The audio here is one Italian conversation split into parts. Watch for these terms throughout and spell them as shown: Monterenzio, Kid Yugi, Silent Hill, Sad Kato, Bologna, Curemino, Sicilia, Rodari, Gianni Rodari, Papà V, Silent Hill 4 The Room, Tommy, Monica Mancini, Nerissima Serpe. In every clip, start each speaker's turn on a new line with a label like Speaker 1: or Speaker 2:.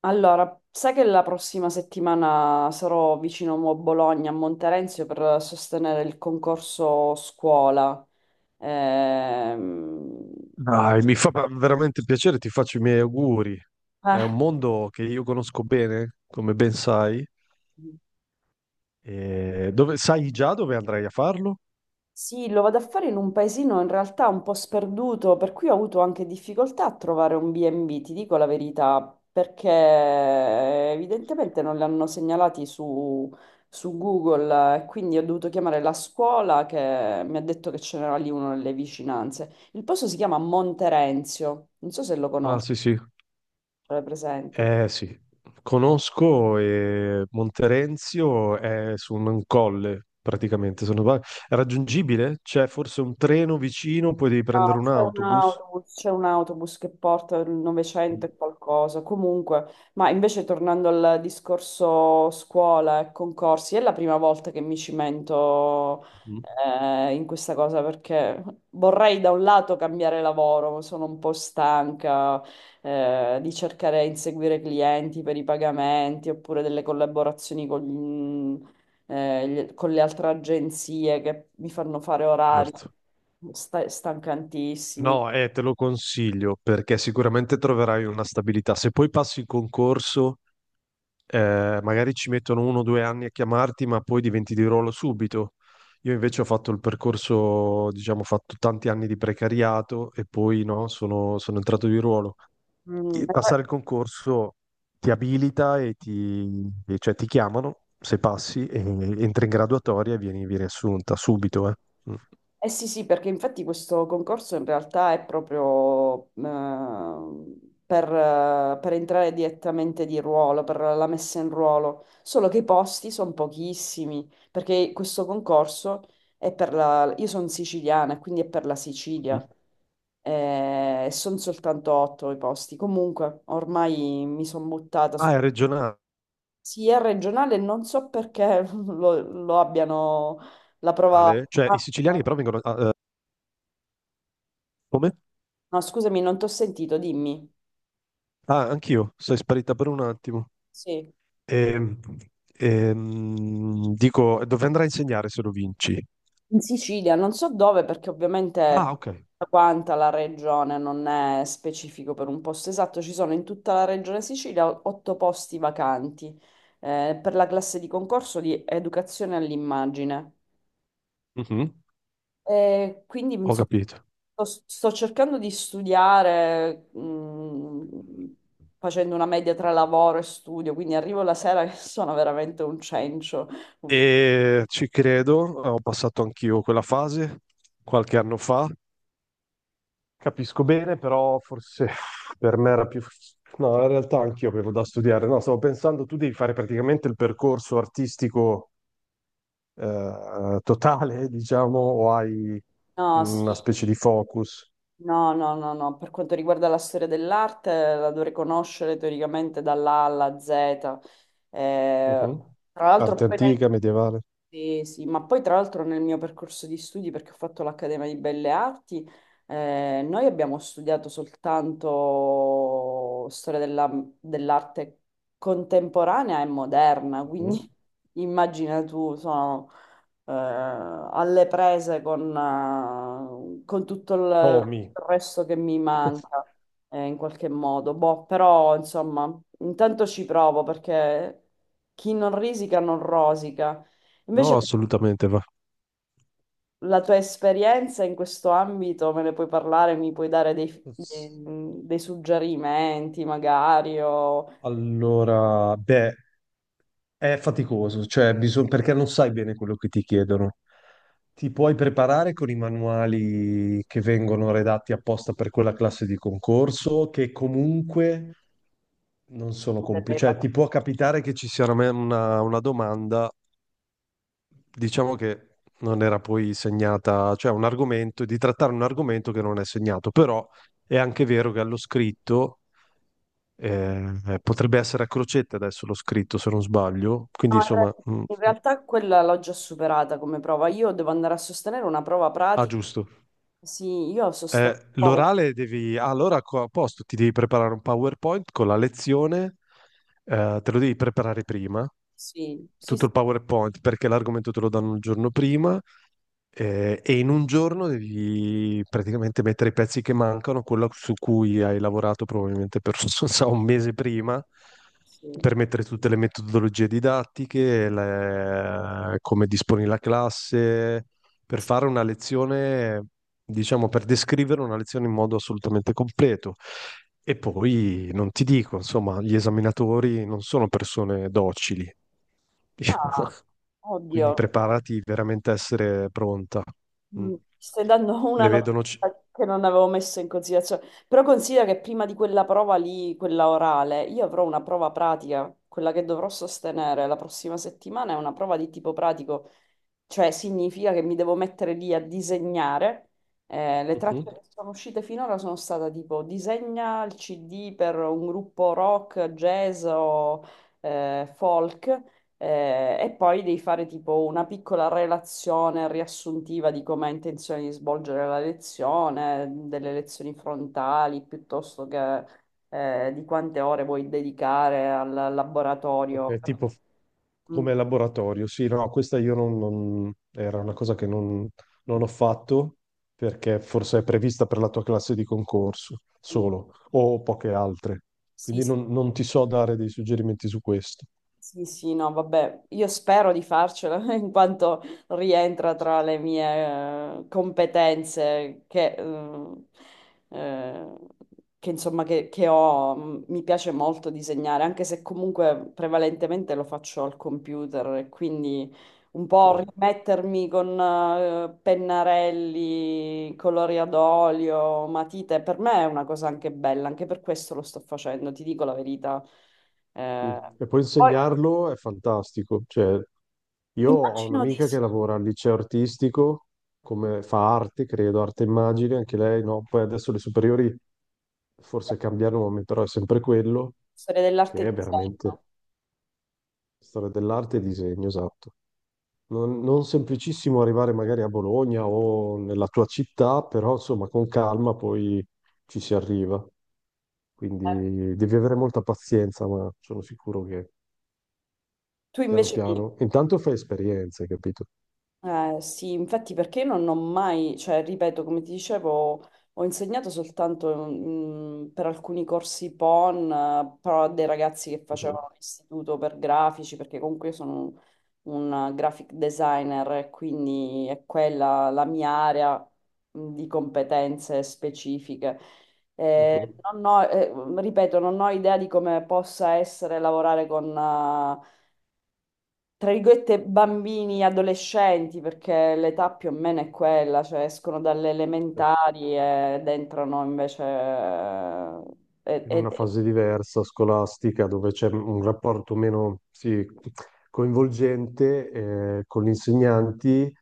Speaker 1: Allora, sai che la prossima settimana sarò vicino a Bologna, a Monterenzio, per sostenere il concorso scuola. Ehm,
Speaker 2: Dai, mi fa veramente piacere, ti faccio i miei auguri. È un mondo che io conosco bene, come ben sai.
Speaker 1: eh,
Speaker 2: E dove, sai già dove andrai a farlo?
Speaker 1: Sì, lo vado a fare in un paesino in realtà un po' sperduto, per cui ho avuto anche difficoltà a trovare un B&B, ti dico la verità, perché evidentemente non li hanno segnalati su Google e quindi ho dovuto chiamare la scuola che mi ha detto che ce n'era lì uno nelle vicinanze. Il posto si chiama Monterenzio, non so se lo
Speaker 2: Ah,
Speaker 1: conosci,
Speaker 2: sì, sì.
Speaker 1: è presente.
Speaker 2: Sì. Conosco e Monterenzio è su un colle, praticamente. Se non sbaglio. È raggiungibile? C'è forse un treno vicino, poi devi
Speaker 1: No,
Speaker 2: prendere un autobus?
Speaker 1: c'è un autobus che porta il 900 e qualcosa. Comunque, ma invece tornando al discorso scuola e concorsi, è la prima volta che mi cimento
Speaker 2: Mm.
Speaker 1: in questa cosa perché vorrei da un lato cambiare lavoro, sono un po' stanca di cercare di inseguire clienti per i pagamenti oppure delle collaborazioni con le altre agenzie che mi fanno fare orari.
Speaker 2: Certo.
Speaker 1: Stancantissimi.
Speaker 2: No, te lo consiglio perché sicuramente troverai una stabilità. Se poi passi il concorso, magari ci mettono uno o due anni a chiamarti, ma poi diventi di ruolo subito. Io invece ho fatto il percorso, diciamo, ho fatto tanti anni di precariato e poi no, sono entrato di ruolo.
Speaker 1: Mm,
Speaker 2: E
Speaker 1: eh
Speaker 2: passare il concorso ti abilita e cioè, ti chiamano, se passi, e entri in graduatoria e vieni assunta subito. Mm.
Speaker 1: sì, sì, perché infatti questo concorso in realtà è proprio per entrare direttamente di ruolo, per la messa in ruolo, solo che i posti sono pochissimi, perché questo concorso è per la. Io sono siciliana, quindi è per la Sicilia.
Speaker 2: Mm.
Speaker 1: E sono soltanto otto i posti. Comunque, ormai mi sono buttata su.
Speaker 2: Ah, è regionale?
Speaker 1: Sì, è regionale, non so perché lo abbiano la prova.
Speaker 2: Cioè, i
Speaker 1: Ah,
Speaker 2: siciliani però vengono... ah, come?
Speaker 1: no, scusami, non ti ho sentito, dimmi.
Speaker 2: Ah, anch'io, sei sparita per un attimo.
Speaker 1: Sì.
Speaker 2: Ehm, Dico, dove andrai a insegnare se lo vinci?
Speaker 1: In Sicilia, non so dove, perché ovviamente
Speaker 2: Ah, ok.
Speaker 1: tutta quanta la regione non è specifico per un posto esatto, ci sono in tutta la regione Sicilia otto posti vacanti per la classe di concorso di educazione all'immagine.
Speaker 2: Mhm.
Speaker 1: Quindi
Speaker 2: Ho
Speaker 1: insomma,
Speaker 2: capito.
Speaker 1: sto cercando di studiare, facendo una media tra lavoro e studio, quindi arrivo la sera che sono veramente un cencio.
Speaker 2: E ci credo, ho passato anch'io quella fase qualche anno fa. Capisco bene, però forse per me era più... No, in realtà anch'io avevo da studiare. No, stavo pensando, tu devi fare praticamente il percorso artistico, totale, diciamo, o hai
Speaker 1: No, sì,
Speaker 2: una specie di focus?
Speaker 1: no, no, no, no. Per quanto riguarda la storia dell'arte, la dovrei conoscere teoricamente dall'A alla Z. Eh,
Speaker 2: Mhm.
Speaker 1: tra
Speaker 2: Arte
Speaker 1: l'altro, poi
Speaker 2: antica, medievale.
Speaker 1: sì, sì, ma poi tra l'altro nel mio percorso di studi, perché ho fatto l'Accademia di Belle Arti, noi abbiamo studiato soltanto dell'arte contemporanea e moderna, quindi
Speaker 2: Mhm.
Speaker 1: immagina tu, sono alle prese con tutto il
Speaker 2: Tommy.
Speaker 1: il resto che mi manca, in qualche modo. Boh, però, insomma, intanto ci provo perché chi non risica non rosica.
Speaker 2: No,
Speaker 1: Invece
Speaker 2: assolutamente va.
Speaker 1: la tua esperienza in questo ambito me ne puoi parlare, mi puoi dare dei suggerimenti, magari, o
Speaker 2: Allora, beh, è faticoso, cioè bisogna, perché non sai bene quello che ti chiedono. Ti puoi preparare con i manuali che vengono redatti apposta per quella classe di concorso, che comunque non sono
Speaker 1: delle
Speaker 2: completi. Cioè, ti può capitare che ci sia una domanda, diciamo, che non era poi segnata, cioè un argomento, di trattare un argomento che non è segnato, però è anche vero che allo scritto. Potrebbe essere a crocetta, adesso l'ho scritto se non sbaglio, quindi
Speaker 1: No,
Speaker 2: insomma,
Speaker 1: in realtà quella l'ho già superata come prova. Io devo andare a sostenere una prova
Speaker 2: Ah,
Speaker 1: pratica.
Speaker 2: giusto.
Speaker 1: Sì, io sostengo. Oh,
Speaker 2: L'orale devi... ah, allora a posto, ti devi preparare un PowerPoint con la lezione, te lo devi preparare prima,
Speaker 1: Sì, sì,
Speaker 2: tutto
Speaker 1: sì.
Speaker 2: il PowerPoint, perché l'argomento te lo danno il giorno prima, e in un giorno devi praticamente mettere i pezzi che mancano, quello su cui hai lavorato probabilmente per, non so, un mese prima,
Speaker 1: Sì.
Speaker 2: per mettere tutte le metodologie didattiche, come disponi la classe per fare una lezione, diciamo, per descrivere una lezione in modo assolutamente completo. E poi non ti dico, insomma, gli esaminatori non sono persone docili,
Speaker 1: Ah, oddio,
Speaker 2: quindi preparati veramente a essere pronta. Mm.
Speaker 1: Stai dando una
Speaker 2: Ne
Speaker 1: notizia
Speaker 2: vedono.
Speaker 1: che non avevo messo in considerazione. Però considera che prima di quella prova lì, quella orale, io avrò una prova pratica. Quella che dovrò sostenere la prossima settimana è una prova di tipo pratico, cioè significa che mi devo mettere lì a disegnare. Le tracce
Speaker 2: Mhm.
Speaker 1: che sono uscite finora sono state tipo disegna il CD per un gruppo rock, jazz o folk. E poi devi fare tipo una piccola relazione riassuntiva di come hai intenzione di svolgere la lezione, delle lezioni frontali, piuttosto che di quante ore vuoi dedicare al laboratorio.
Speaker 2: Ok, tipo
Speaker 1: Mm.
Speaker 2: come laboratorio, sì, no, questa io era una cosa che non ho fatto perché forse è prevista per la tua classe di concorso solo o poche altre,
Speaker 1: Sì,
Speaker 2: quindi
Speaker 1: sì,
Speaker 2: non ti so dare dei suggerimenti su questo.
Speaker 1: sì, sì, no, vabbè, io spero di farcela in quanto rientra tra le mie competenze eh, che, insomma, che ho. Mi piace molto disegnare, anche se comunque prevalentemente lo faccio al computer e quindi un
Speaker 2: Sì,
Speaker 1: po' rimettermi con pennarelli, colori ad olio, matite, per me è una cosa anche bella, anche per questo lo sto facendo, ti dico la verità.
Speaker 2: sì.
Speaker 1: Eh,
Speaker 2: E poi
Speaker 1: poi
Speaker 2: insegnarlo è fantastico, cioè io ho
Speaker 1: immagino di
Speaker 2: un'amica
Speaker 1: sì,
Speaker 2: che lavora al liceo artistico, come fa arte, credo, arte e immagini, anche lei, no? Poi adesso le superiori forse cambiano nome, però è sempre quello.
Speaker 1: storia
Speaker 2: Che
Speaker 1: dell'arte e
Speaker 2: è veramente
Speaker 1: disegno.
Speaker 2: storia dell'arte e disegno, esatto. Non, non semplicissimo arrivare magari a Bologna o nella tua città, però insomma con calma poi ci si arriva.
Speaker 1: Eh,
Speaker 2: Quindi devi avere molta pazienza, ma sono sicuro che
Speaker 1: Tu
Speaker 2: piano
Speaker 1: invece mi.
Speaker 2: piano, intanto fai esperienze, capito?
Speaker 1: Sì, infatti perché non ho mai, cioè ripeto, come ti dicevo, ho insegnato soltanto per alcuni corsi PON, però a dei ragazzi che
Speaker 2: Mhm,
Speaker 1: facevano l'istituto per grafici, perché comunque io sono un graphic designer e quindi è quella la mia area di competenze specifiche.
Speaker 2: mhm.
Speaker 1: Non ho- Ripeto, non ho idea di come possa essere lavorare con tra virgolette, bambini, adolescenti, perché l'età più o meno è quella, cioè escono dalle
Speaker 2: Eh,
Speaker 1: elementari ed entrano invece ed
Speaker 2: in
Speaker 1: ed
Speaker 2: una
Speaker 1: è
Speaker 2: fase diversa, scolastica, dove c'è un rapporto meno, sì, coinvolgente, con gli insegnanti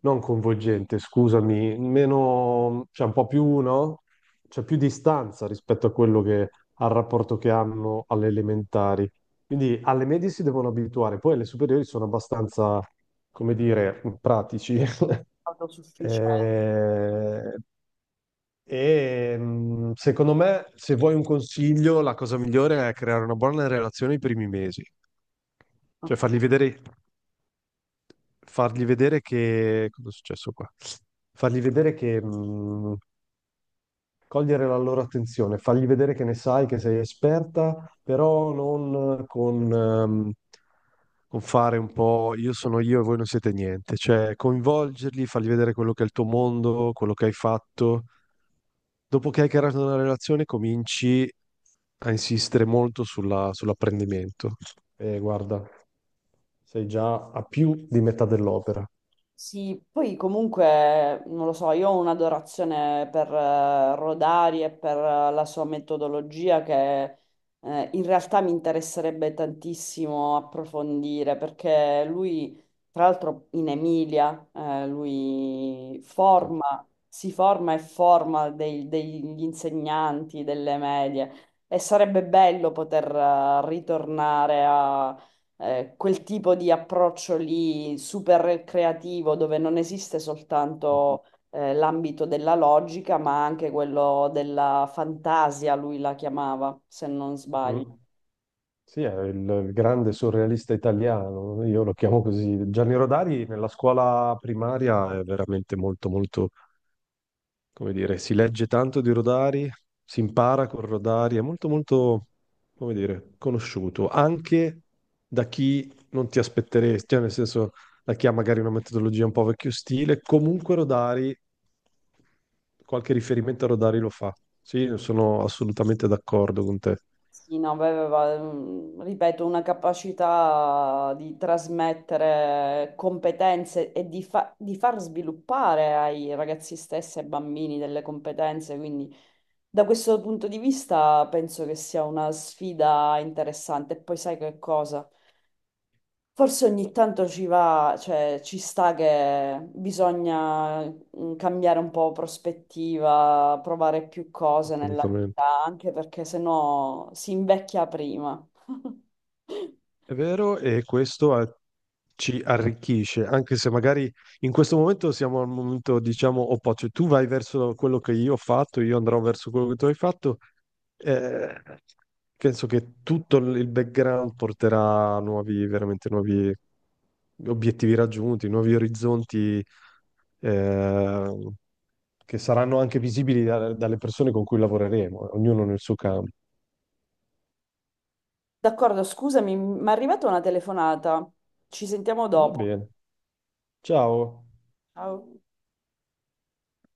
Speaker 2: non coinvolgente, scusami, meno, cioè un po' più, no? C'è più distanza rispetto a quello che, al rapporto che hanno alle elementari. Quindi alle medie si devono abituare, poi alle superiori sono abbastanza, come dire, pratici.
Speaker 1: autosufficiente.
Speaker 2: Eh, secondo me, se vuoi un consiglio, la cosa migliore è creare una buona relazione i primi mesi, cioè
Speaker 1: Ok.
Speaker 2: fargli vedere che... Cosa è successo qua? Fargli vedere che... cogliere la loro attenzione, fargli vedere che ne sai, che sei esperta, però non con, con fare un po' io sono io e voi non siete niente. Cioè, coinvolgerli, fargli vedere quello che è il tuo mondo, quello che hai fatto. Dopo che hai creato una relazione, cominci a insistere molto sull'apprendimento. E guarda, sei già a più di metà dell'opera.
Speaker 1: Sì, poi comunque, non lo so, io ho un'adorazione per Rodari e per la sua metodologia che in realtà mi interesserebbe tantissimo approfondire perché lui, tra l'altro in Emilia, lui
Speaker 2: Sì.
Speaker 1: forma, si forma e forma degli insegnanti delle medie e sarebbe bello poter ritornare quel tipo di approccio lì super creativo dove non esiste soltanto l'ambito della logica, ma anche quello della fantasia, lui la chiamava, se non
Speaker 2: Mm.
Speaker 1: sbaglio.
Speaker 2: Sì, è il grande surrealista italiano, io lo chiamo così. Gianni Rodari nella scuola primaria è veramente molto, molto, come dire, si legge tanto di Rodari, si impara con Rodari, è molto, molto, come dire, conosciuto, anche da chi non ti aspetteresti, cioè nel senso, da chi ha magari una metodologia un po' vecchio stile, comunque Rodari, qualche riferimento a Rodari lo fa. Sì, sono assolutamente d'accordo con te,
Speaker 1: Sì, no, aveva, ripeto, una capacità di trasmettere competenze e di, di far sviluppare ai ragazzi stessi e ai bambini delle competenze, quindi da questo punto di vista penso che sia una sfida interessante. E poi sai che cosa? Forse ogni tanto ci va, cioè ci sta che bisogna cambiare un po' prospettiva, provare più cose nella
Speaker 2: assolutamente.
Speaker 1: vita, anche perché sennò si invecchia prima.
Speaker 2: È vero, e questo ci arricchisce, anche se magari in questo momento siamo al momento, diciamo, opposto. Cioè, tu vai verso quello che io ho fatto, io andrò verso quello che tu hai fatto. Eh, penso che tutto il background porterà a nuovi, veramente nuovi obiettivi raggiunti, nuovi orizzonti, eh, che saranno anche visibili dalle persone con cui lavoreremo, ognuno nel suo campo.
Speaker 1: D'accordo, scusami, mi è arrivata una telefonata. Ci sentiamo
Speaker 2: Va
Speaker 1: dopo.
Speaker 2: bene. Ciao.
Speaker 1: Ciao.